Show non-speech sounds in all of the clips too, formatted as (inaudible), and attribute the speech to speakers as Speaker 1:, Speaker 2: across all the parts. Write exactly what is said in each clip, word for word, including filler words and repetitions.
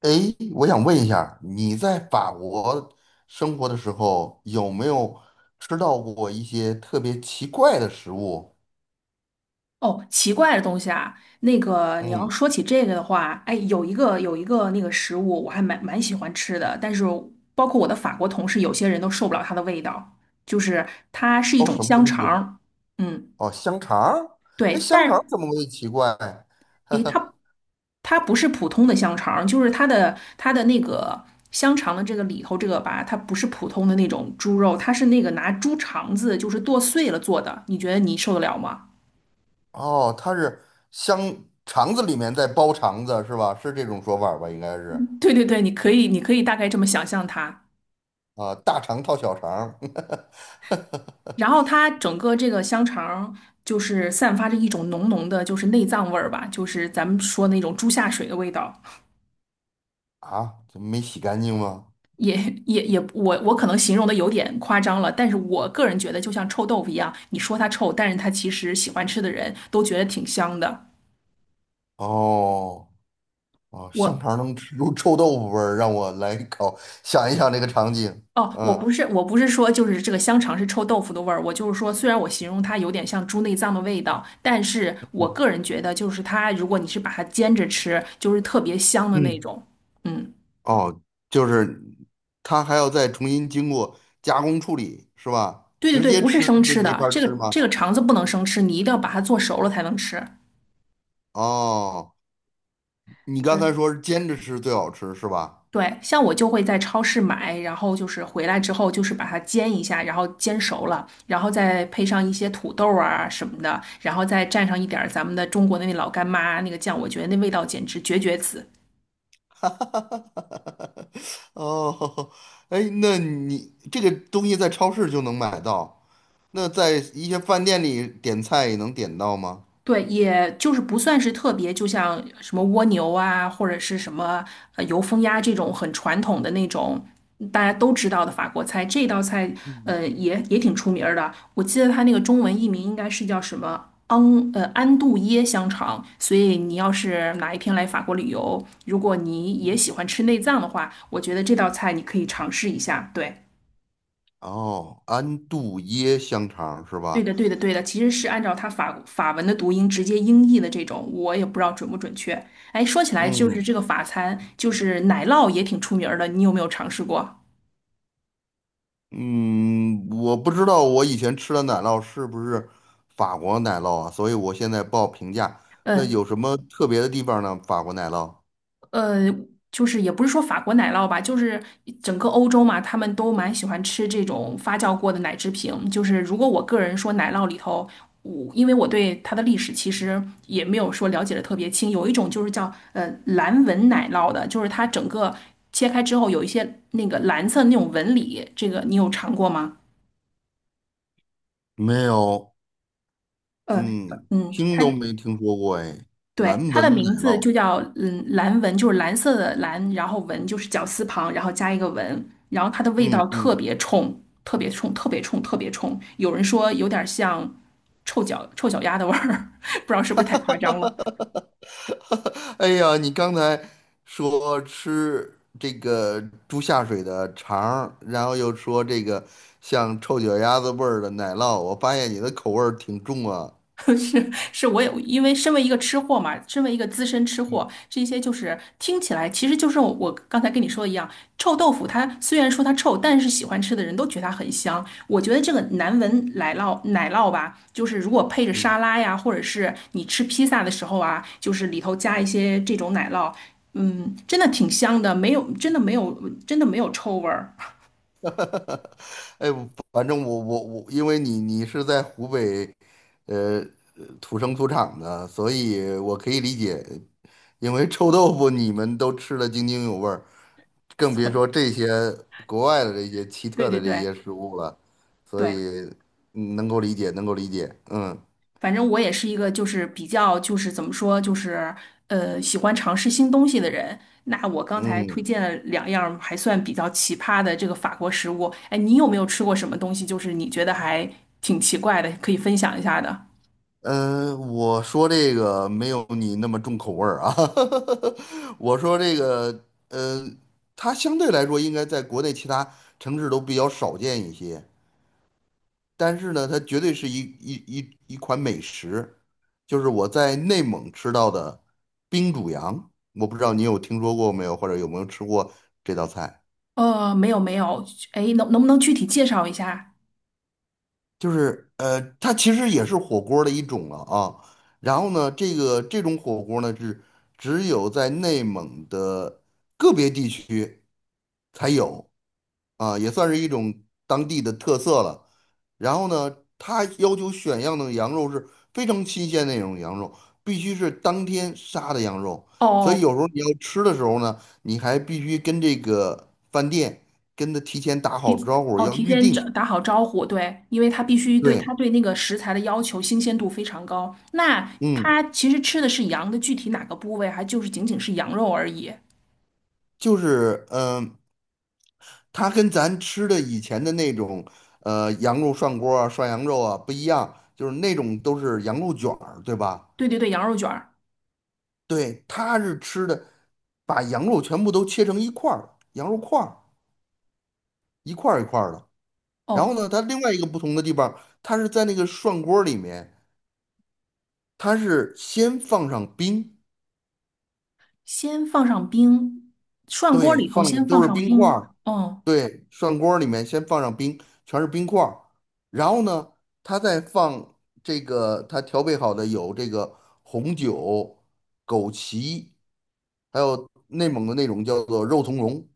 Speaker 1: 哎，我想问一下你在法国生活的时候，有没有吃到过一些特别奇怪的食物？
Speaker 2: 哦，奇怪的东西啊，那个你要
Speaker 1: 嗯，
Speaker 2: 说起这个的话，哎，有一个有一个那个食物，我还蛮蛮喜欢吃的，但是包括我的法国同事，有些人都受不了它的味道，就是它是一
Speaker 1: 都
Speaker 2: 种
Speaker 1: 什么
Speaker 2: 香
Speaker 1: 东
Speaker 2: 肠
Speaker 1: 西？
Speaker 2: 儿。嗯，
Speaker 1: 哦，香肠儿？哎，
Speaker 2: 对，
Speaker 1: 香
Speaker 2: 但
Speaker 1: 肠儿怎
Speaker 2: 是
Speaker 1: 么会奇怪？
Speaker 2: 诶，
Speaker 1: (laughs)
Speaker 2: 它它不是普通的香肠儿，就是它的它的那个香肠的这个里头这个吧，它不是普通的那种猪肉，它是那个拿猪肠子就是剁碎了做的，你觉得你受得了吗？
Speaker 1: 哦，它是香肠子里面在包肠子是吧？是这种说法儿吧？应该是
Speaker 2: (laughs) 对对对，你可以你可以大概这么想象它。
Speaker 1: 啊，大肠套小肠儿。
Speaker 2: 然后它整个这个香肠就是散发着一种浓浓的，就是内脏味儿吧，就是咱们说那种猪下水的味道，
Speaker 1: (laughs) 啊，怎么没洗干净吗？
Speaker 2: 也也也，我我可能形容的有点夸张了，但是我个人觉得就像臭豆腐一样，你说它臭，但是它其实喜欢吃的人都觉得挺香的。
Speaker 1: 哦。哦，香
Speaker 2: 我
Speaker 1: 肠能吃出臭豆腐味儿，让我来搞，想一想这个场景。
Speaker 2: 哦，我不是我不是说就是这个香肠是臭豆腐的味儿，我就是说，虽然我形容它有点像猪内脏的味道，但是我个人觉得就是它，如果你是把它煎着吃，就是特别香的那
Speaker 1: 嗯，
Speaker 2: 种，嗯。
Speaker 1: 哦，就是它还要再重新经过加工处理，是吧？
Speaker 2: 对对
Speaker 1: 直
Speaker 2: 对，
Speaker 1: 接
Speaker 2: 不是
Speaker 1: 吃
Speaker 2: 生
Speaker 1: 是
Speaker 2: 吃
Speaker 1: 没
Speaker 2: 的，
Speaker 1: 法儿
Speaker 2: 这个
Speaker 1: 吃吗？
Speaker 2: 这个肠子不能生吃，你一定要把它做熟了才能吃。
Speaker 1: 哦，你刚才
Speaker 2: 嗯，
Speaker 1: 说是煎着吃最好吃，是吧？
Speaker 2: 对，像我就会在超市买，然后就是回来之后就是把它煎一下，然后煎熟了，然后再配上一些土豆啊什么的，然后再蘸上一点儿咱们的中国的那老干妈那个酱，我觉得那味道简直绝绝子。
Speaker 1: (laughs) 哦，哎，那你这个东西在超市就能买到，那在一些饭店里点菜也能点到吗？
Speaker 2: 对，也就是不算是特别，就像什么蜗牛啊，或者是什么呃油封鸭这种很传统的那种大家都知道的法国菜，这道菜
Speaker 1: 嗯
Speaker 2: 呃也也挺出名儿的。我记得它那个中文译名应该是叫什么昂呃安杜耶香肠。所以你要是哪一天来法国旅游，如果你也
Speaker 1: 嗯，
Speaker 2: 喜欢吃内脏的话，我觉得这道菜你可以尝试一下。对。
Speaker 1: 哦，安度耶香肠是
Speaker 2: 对
Speaker 1: 吧？
Speaker 2: 的，对的，对的，其实是按照它法法文的读音直接音译的这种，我也不知道准不准确。哎，说起来就是
Speaker 1: 嗯
Speaker 2: 这个法餐，就是奶酪也挺出名儿的，你有没有尝试过？
Speaker 1: 嗯，我不知道我以前吃的奶酪是不是法国奶酪啊，所以我现在报评价。那
Speaker 2: 嗯，
Speaker 1: 有什么特别的地方呢？法国奶酪
Speaker 2: 呃，就是也不是说法国奶酪吧，就是整个欧洲嘛，他们都蛮喜欢吃这种发酵过的奶制品。就是如果我个人说奶酪里头，我因为我对它的历史其实也没有说了解的特别清，有一种就是叫呃蓝纹奶酪的，就是它整个切开之后有一些那个蓝色那种纹理，这个你有尝过吗？
Speaker 1: 没有，
Speaker 2: 呃，
Speaker 1: 嗯，
Speaker 2: 嗯，
Speaker 1: 听
Speaker 2: 它。
Speaker 1: 都没听说过哎，蓝
Speaker 2: 对，它的
Speaker 1: 纹
Speaker 2: 名
Speaker 1: 奶
Speaker 2: 字
Speaker 1: 酪，
Speaker 2: 就叫嗯蓝纹，就是蓝色的蓝，然后纹就是绞丝旁，然后加一个纹，然后它的味
Speaker 1: 嗯
Speaker 2: 道特
Speaker 1: 嗯，
Speaker 2: 别冲，特别冲，特别冲，特别冲。有人说有点像臭脚臭脚丫的味儿，(laughs) 不知道是不是太夸张了。
Speaker 1: (laughs) 哎呀，你刚才说吃这个猪下水的肠儿，然后又说这个像臭脚丫子味儿的奶酪，我发现你的口味儿挺重啊，
Speaker 2: (laughs) 是是，我也因为身为一个吃货嘛，身为一个资深吃货，这些就是听起来，其实就是我我刚才跟你说的一样，臭豆腐它虽然说它臭，但是喜欢吃的人都觉得它很香。我觉得这个难闻奶酪奶酪吧，就是如果配着
Speaker 1: 嗯。
Speaker 2: 沙拉呀，或者是你吃披萨的时候啊，就是里头加一些这种奶酪，嗯，真的挺香的，没有真的没有真的没有臭味儿。
Speaker 1: (laughs) 哎，反正我我我，因为你你是在湖北，呃，呃土生土长的，所以我可以理解，因为臭豆腐你们都吃得津津有味儿，更别说
Speaker 2: (laughs)
Speaker 1: 这些国外的这些奇
Speaker 2: 对
Speaker 1: 特
Speaker 2: 对
Speaker 1: 的这
Speaker 2: 对
Speaker 1: 些食物了，所
Speaker 2: 对。
Speaker 1: 以嗯能够理解，能够理解，嗯
Speaker 2: 反正我也是一个就是比较就是怎么说就是呃喜欢尝试新东西的人。那我刚才推
Speaker 1: 嗯。
Speaker 2: 荐了两样儿还算比较奇葩的这个法国食物，哎，你有没有吃过什么东西？就是你觉得还挺奇怪的，可以分享一下的？
Speaker 1: 呃，我说这个没有你那么重口味儿啊，(laughs) 我说这个，呃，它相对来说应该在国内其他城市都比较少见一些，但是呢，它绝对是一一一一款美食，就是我在内蒙吃到的冰煮羊，我不知道你有听说过没有，或者有没有吃过这道菜。
Speaker 2: 呃，没有没有，哎，能能不能具体介绍一下？
Speaker 1: 就是呃，它其实也是火锅儿的一种了啊。然后呢，这个这种火锅儿呢是只有在内蒙的个别地区才有啊，也算是一种当地的特色了。然后呢，它要求选样的羊肉是非常新鲜的那种羊肉，必须是当天杀的羊肉。所以
Speaker 2: 哦
Speaker 1: 有时候你要吃的时候呢，你还必须跟这个饭店跟他提前打好招呼，
Speaker 2: 哦，
Speaker 1: 要
Speaker 2: 提
Speaker 1: 预
Speaker 2: 前找
Speaker 1: 定。
Speaker 2: 打好招呼，对，因为他必须对他
Speaker 1: 对，
Speaker 2: 对那个食材的要求新鲜度非常高。那
Speaker 1: 嗯。
Speaker 2: 他其实吃的是羊的具体哪个部位，还就是仅仅是羊肉而已。
Speaker 1: 就是嗯、它跟咱吃的以前的那种呃羊肉涮锅啊、涮羊肉啊不一样，就是那种都是羊肉卷儿，对吧？
Speaker 2: 对对对，羊肉卷儿。
Speaker 1: 对，它是吃的，把羊肉全部都切成一块儿，羊肉块儿一块儿一块儿的。然后
Speaker 2: 哦，
Speaker 1: 呢，它另外一个不同的地方，它是在那个涮锅里面，它是先放上冰，
Speaker 2: 先放上冰，涮锅
Speaker 1: 对，
Speaker 2: 里头
Speaker 1: 放的
Speaker 2: 先放
Speaker 1: 都是
Speaker 2: 上
Speaker 1: 冰块
Speaker 2: 冰。
Speaker 1: 儿，
Speaker 2: 哦，
Speaker 1: 对，涮锅儿里面先放上冰，全是冰块儿，然后呢，他再放这个他调配好的有这个红酒、枸杞，还有内蒙的那种叫做肉苁蓉，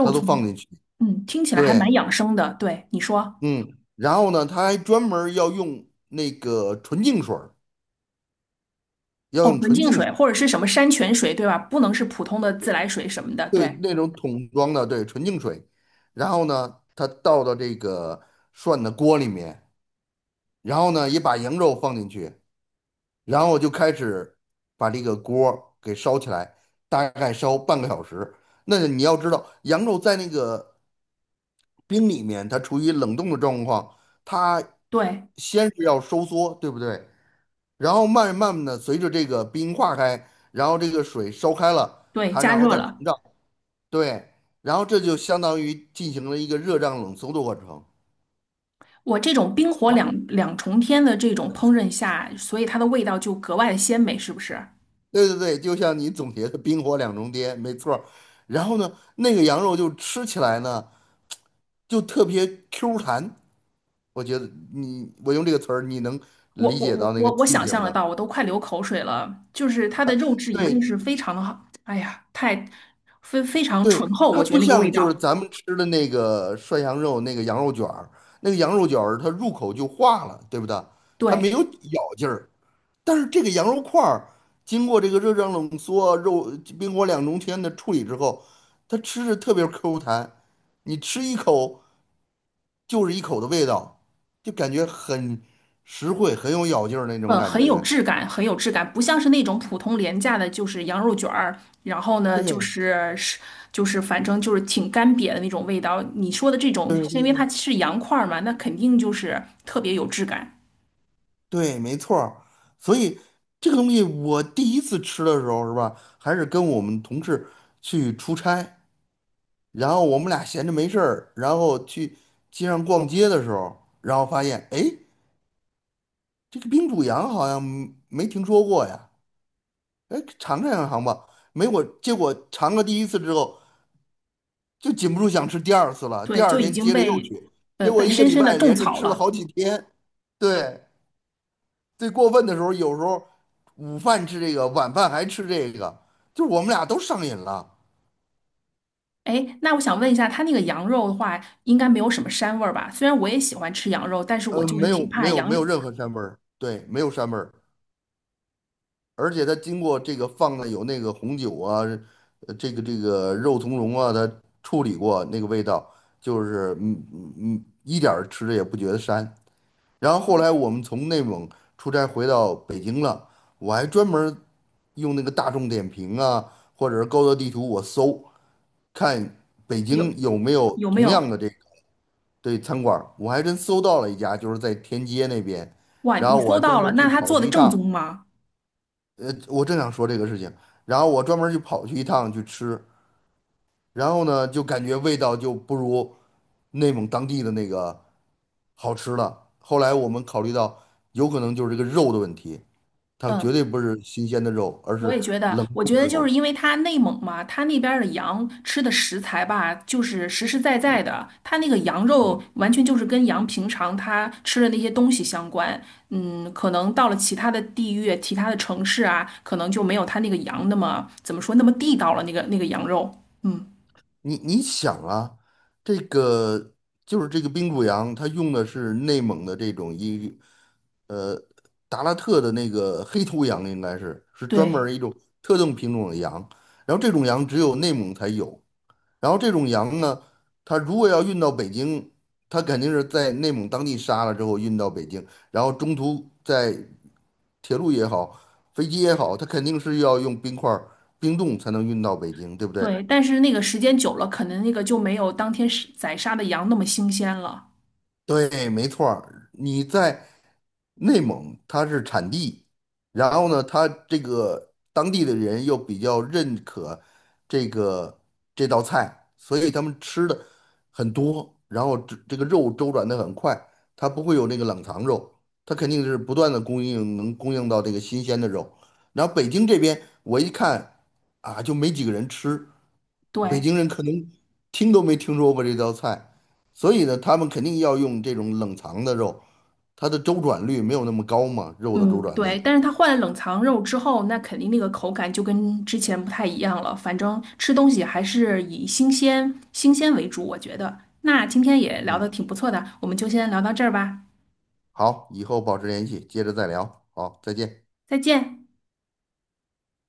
Speaker 1: 他都放
Speaker 2: 丛，
Speaker 1: 进去。
Speaker 2: 嗯，听起来还蛮
Speaker 1: 对，
Speaker 2: 养生的。对，你说，
Speaker 1: 嗯，然后呢，他还专门儿要用那个纯净水儿，要
Speaker 2: 哦，
Speaker 1: 用
Speaker 2: 纯
Speaker 1: 纯
Speaker 2: 净
Speaker 1: 净
Speaker 2: 水
Speaker 1: 水，
Speaker 2: 或者是什么山泉水，对吧？不能是普通的自来水什么的。
Speaker 1: 对，
Speaker 2: 对
Speaker 1: 那种桶装的，对，纯净水，然后呢，他倒到这个涮的锅里面。然后呢，也把羊肉放进去，然后就开始把这个锅儿给烧起来，大概烧半个小时。那你要知道，羊肉在那个冰里面，它处于冷冻的状况，它
Speaker 2: 对
Speaker 1: 先是要收缩，对不对？然后慢慢的随着这个冰化开，然后这个水烧开了，
Speaker 2: 对，
Speaker 1: 它
Speaker 2: 加
Speaker 1: 然后
Speaker 2: 热
Speaker 1: 再膨
Speaker 2: 了。
Speaker 1: 胀，对，然后这就相当于进行了一个热胀冷缩的过程。
Speaker 2: 我这种冰火两两重天的这种烹饪下，所以它的味道就格外的鲜美，是不是？
Speaker 1: 对对对，就像你总结的“冰火两重天”，没错儿。然后呢，那个羊肉就吃起来呢，就特别 Q 弹。我觉得你，我用这个词儿，你能
Speaker 2: 我
Speaker 1: 理
Speaker 2: 我
Speaker 1: 解
Speaker 2: 我
Speaker 1: 到那个
Speaker 2: 我我
Speaker 1: 境
Speaker 2: 想
Speaker 1: 界不
Speaker 2: 象得
Speaker 1: 能？
Speaker 2: 到，我都快流口水了。就是它的肉质一定
Speaker 1: 对
Speaker 2: 是非常的好，哎呀，太非非常
Speaker 1: 对，
Speaker 2: 醇厚，
Speaker 1: 它
Speaker 2: 我觉得
Speaker 1: 不
Speaker 2: 那个
Speaker 1: 像
Speaker 2: 味
Speaker 1: 就
Speaker 2: 道，
Speaker 1: 是咱们吃的那个涮羊肉那个羊肉卷儿，那个羊肉卷儿它入口就化了，对不对？它
Speaker 2: 对，
Speaker 1: 没有咬劲儿。但是这个羊肉块儿经过这个热胀冷缩、肉冰火两重天的处理之后，它吃着特别 Q 弹，你吃一口就是一口的味道，就感觉很实惠、很有咬劲儿那种
Speaker 2: 呃，
Speaker 1: 感
Speaker 2: 很有
Speaker 1: 觉。
Speaker 2: 质感，很有质感，不像是那种普通廉价的，就是羊肉卷儿，然后呢，就
Speaker 1: 对
Speaker 2: 是是就是反正就是挺干瘪的那种味道。你说的这种，
Speaker 1: 对
Speaker 2: 是因为
Speaker 1: 对
Speaker 2: 它是羊块儿嘛，那肯定就是特别有质感，
Speaker 1: 对，没错儿。所以这个东西我第一次吃的时候是吧，还是跟我们同事去出差，然后我们俩闲着没事儿，然后去街上逛街的时候，然后发现哎。诶这个冰煮羊好像没听说过呀，哎，尝尝尝吧。没我，结果尝了第一次之后，就禁不住想吃第二次了。第
Speaker 2: 对，
Speaker 1: 二
Speaker 2: 就已
Speaker 1: 天
Speaker 2: 经
Speaker 1: 接着又
Speaker 2: 被
Speaker 1: 去，
Speaker 2: 呃
Speaker 1: 结果
Speaker 2: 被
Speaker 1: 一个
Speaker 2: 深
Speaker 1: 礼
Speaker 2: 深的
Speaker 1: 拜
Speaker 2: 种
Speaker 1: 连着
Speaker 2: 草
Speaker 1: 吃了
Speaker 2: 了。
Speaker 1: 好几天。对，最过分的时候，有时候午饭吃这个，晚饭还吃这个，就是我们俩都上瘾了。
Speaker 2: 哎，那我想问一下，他那个羊肉的话，应该没有什么膻味儿吧？虽然我也喜欢吃羊肉，但是我
Speaker 1: 呃，
Speaker 2: 就是
Speaker 1: 没
Speaker 2: 挺
Speaker 1: 有没
Speaker 2: 怕
Speaker 1: 有
Speaker 2: 羊
Speaker 1: 没
Speaker 2: 有
Speaker 1: 有任何膻味儿，对，没有膻味儿。而且它经过这个放的有那个红酒啊，呃这个这个肉苁蓉啊，它处理过那个味道，就是嗯嗯嗯，一点儿吃着也不觉得膻。然后后来我们从内蒙出差回到北京了，我还专门儿用那个大众点评啊，或者是高德地图，我搜看北京
Speaker 2: 有
Speaker 1: 有没有
Speaker 2: 有没
Speaker 1: 同样
Speaker 2: 有？
Speaker 1: 的这个对餐馆儿我还真搜到了一家，就是在天街那边，
Speaker 2: 哇，
Speaker 1: 然
Speaker 2: 你
Speaker 1: 后我
Speaker 2: 搜
Speaker 1: 还专
Speaker 2: 到
Speaker 1: 门
Speaker 2: 了，
Speaker 1: 儿去
Speaker 2: 那他
Speaker 1: 跑
Speaker 2: 做
Speaker 1: 去
Speaker 2: 的
Speaker 1: 一
Speaker 2: 正
Speaker 1: 趟。
Speaker 2: 宗吗？
Speaker 1: 呃，我正想说这个事情，然后我专门就跑去一趟去吃，然后呢，就感觉味道就不如内蒙当地的那个好吃了。后来我们考虑到，有可能就是这个肉的问题，它绝
Speaker 2: 嗯。
Speaker 1: 对不是新鲜的肉，而
Speaker 2: 我也
Speaker 1: 是
Speaker 2: 觉得，
Speaker 1: 冷
Speaker 2: 我
Speaker 1: 冻
Speaker 2: 觉
Speaker 1: 的
Speaker 2: 得就是
Speaker 1: 肉。
Speaker 2: 因为它内蒙嘛，它那边儿的羊吃的食材吧，就是实实在在的，它那个羊肉完全就是跟羊平常它吃的那些东西相关。嗯，可能到了其他的地域、其他的城市啊，可能就没有它那个羊那么怎么说那么地道了，那个那个羊肉。嗯，
Speaker 1: 你你想啊，这个就是这个冰谷羊，它用的是内蒙的这种一，呃，达拉特的那个黑头羊，应该是是专门儿
Speaker 2: 对
Speaker 1: 一种特定品种的羊。然后这种羊只有内蒙才有。然后这种羊呢，它如果要运到北京，它肯定是在内蒙当地杀了之后运到北京，然后中途在铁路也好，飞机也好，它肯定是要用冰块儿冰冻才能运到北京，对不对？
Speaker 2: 对，但是那个时间久了，可能那个就没有当天是宰杀的羊那么新鲜了。
Speaker 1: 对，没错儿，你在内蒙，它是产地，然后呢，它这个当地的人又比较认可这个这道菜，所以他们吃的很多，然后这这个肉周转的很快，它不会有那个冷藏肉，它肯定是不断的供应，能供应到这个新鲜的肉。然后北京这边，我一看啊，就没几个人吃，北
Speaker 2: 对。
Speaker 1: 京人可能听都没听说过这道菜，所以呢，他们肯定要用这种冷藏的肉，它的周转率没有那么高嘛，肉的周
Speaker 2: 嗯，
Speaker 1: 转
Speaker 2: 对，
Speaker 1: 率。
Speaker 2: 但是它换了冷藏肉之后，那肯定那个口感就跟之前不太一样了。反正吃东西还是以新鲜新鲜为主，我觉得。那今天也聊得
Speaker 1: 嗯，
Speaker 2: 挺不错的，我们就先聊到这儿吧，
Speaker 1: 好，以后保持联系，接着再聊。好，再见。
Speaker 2: 再见。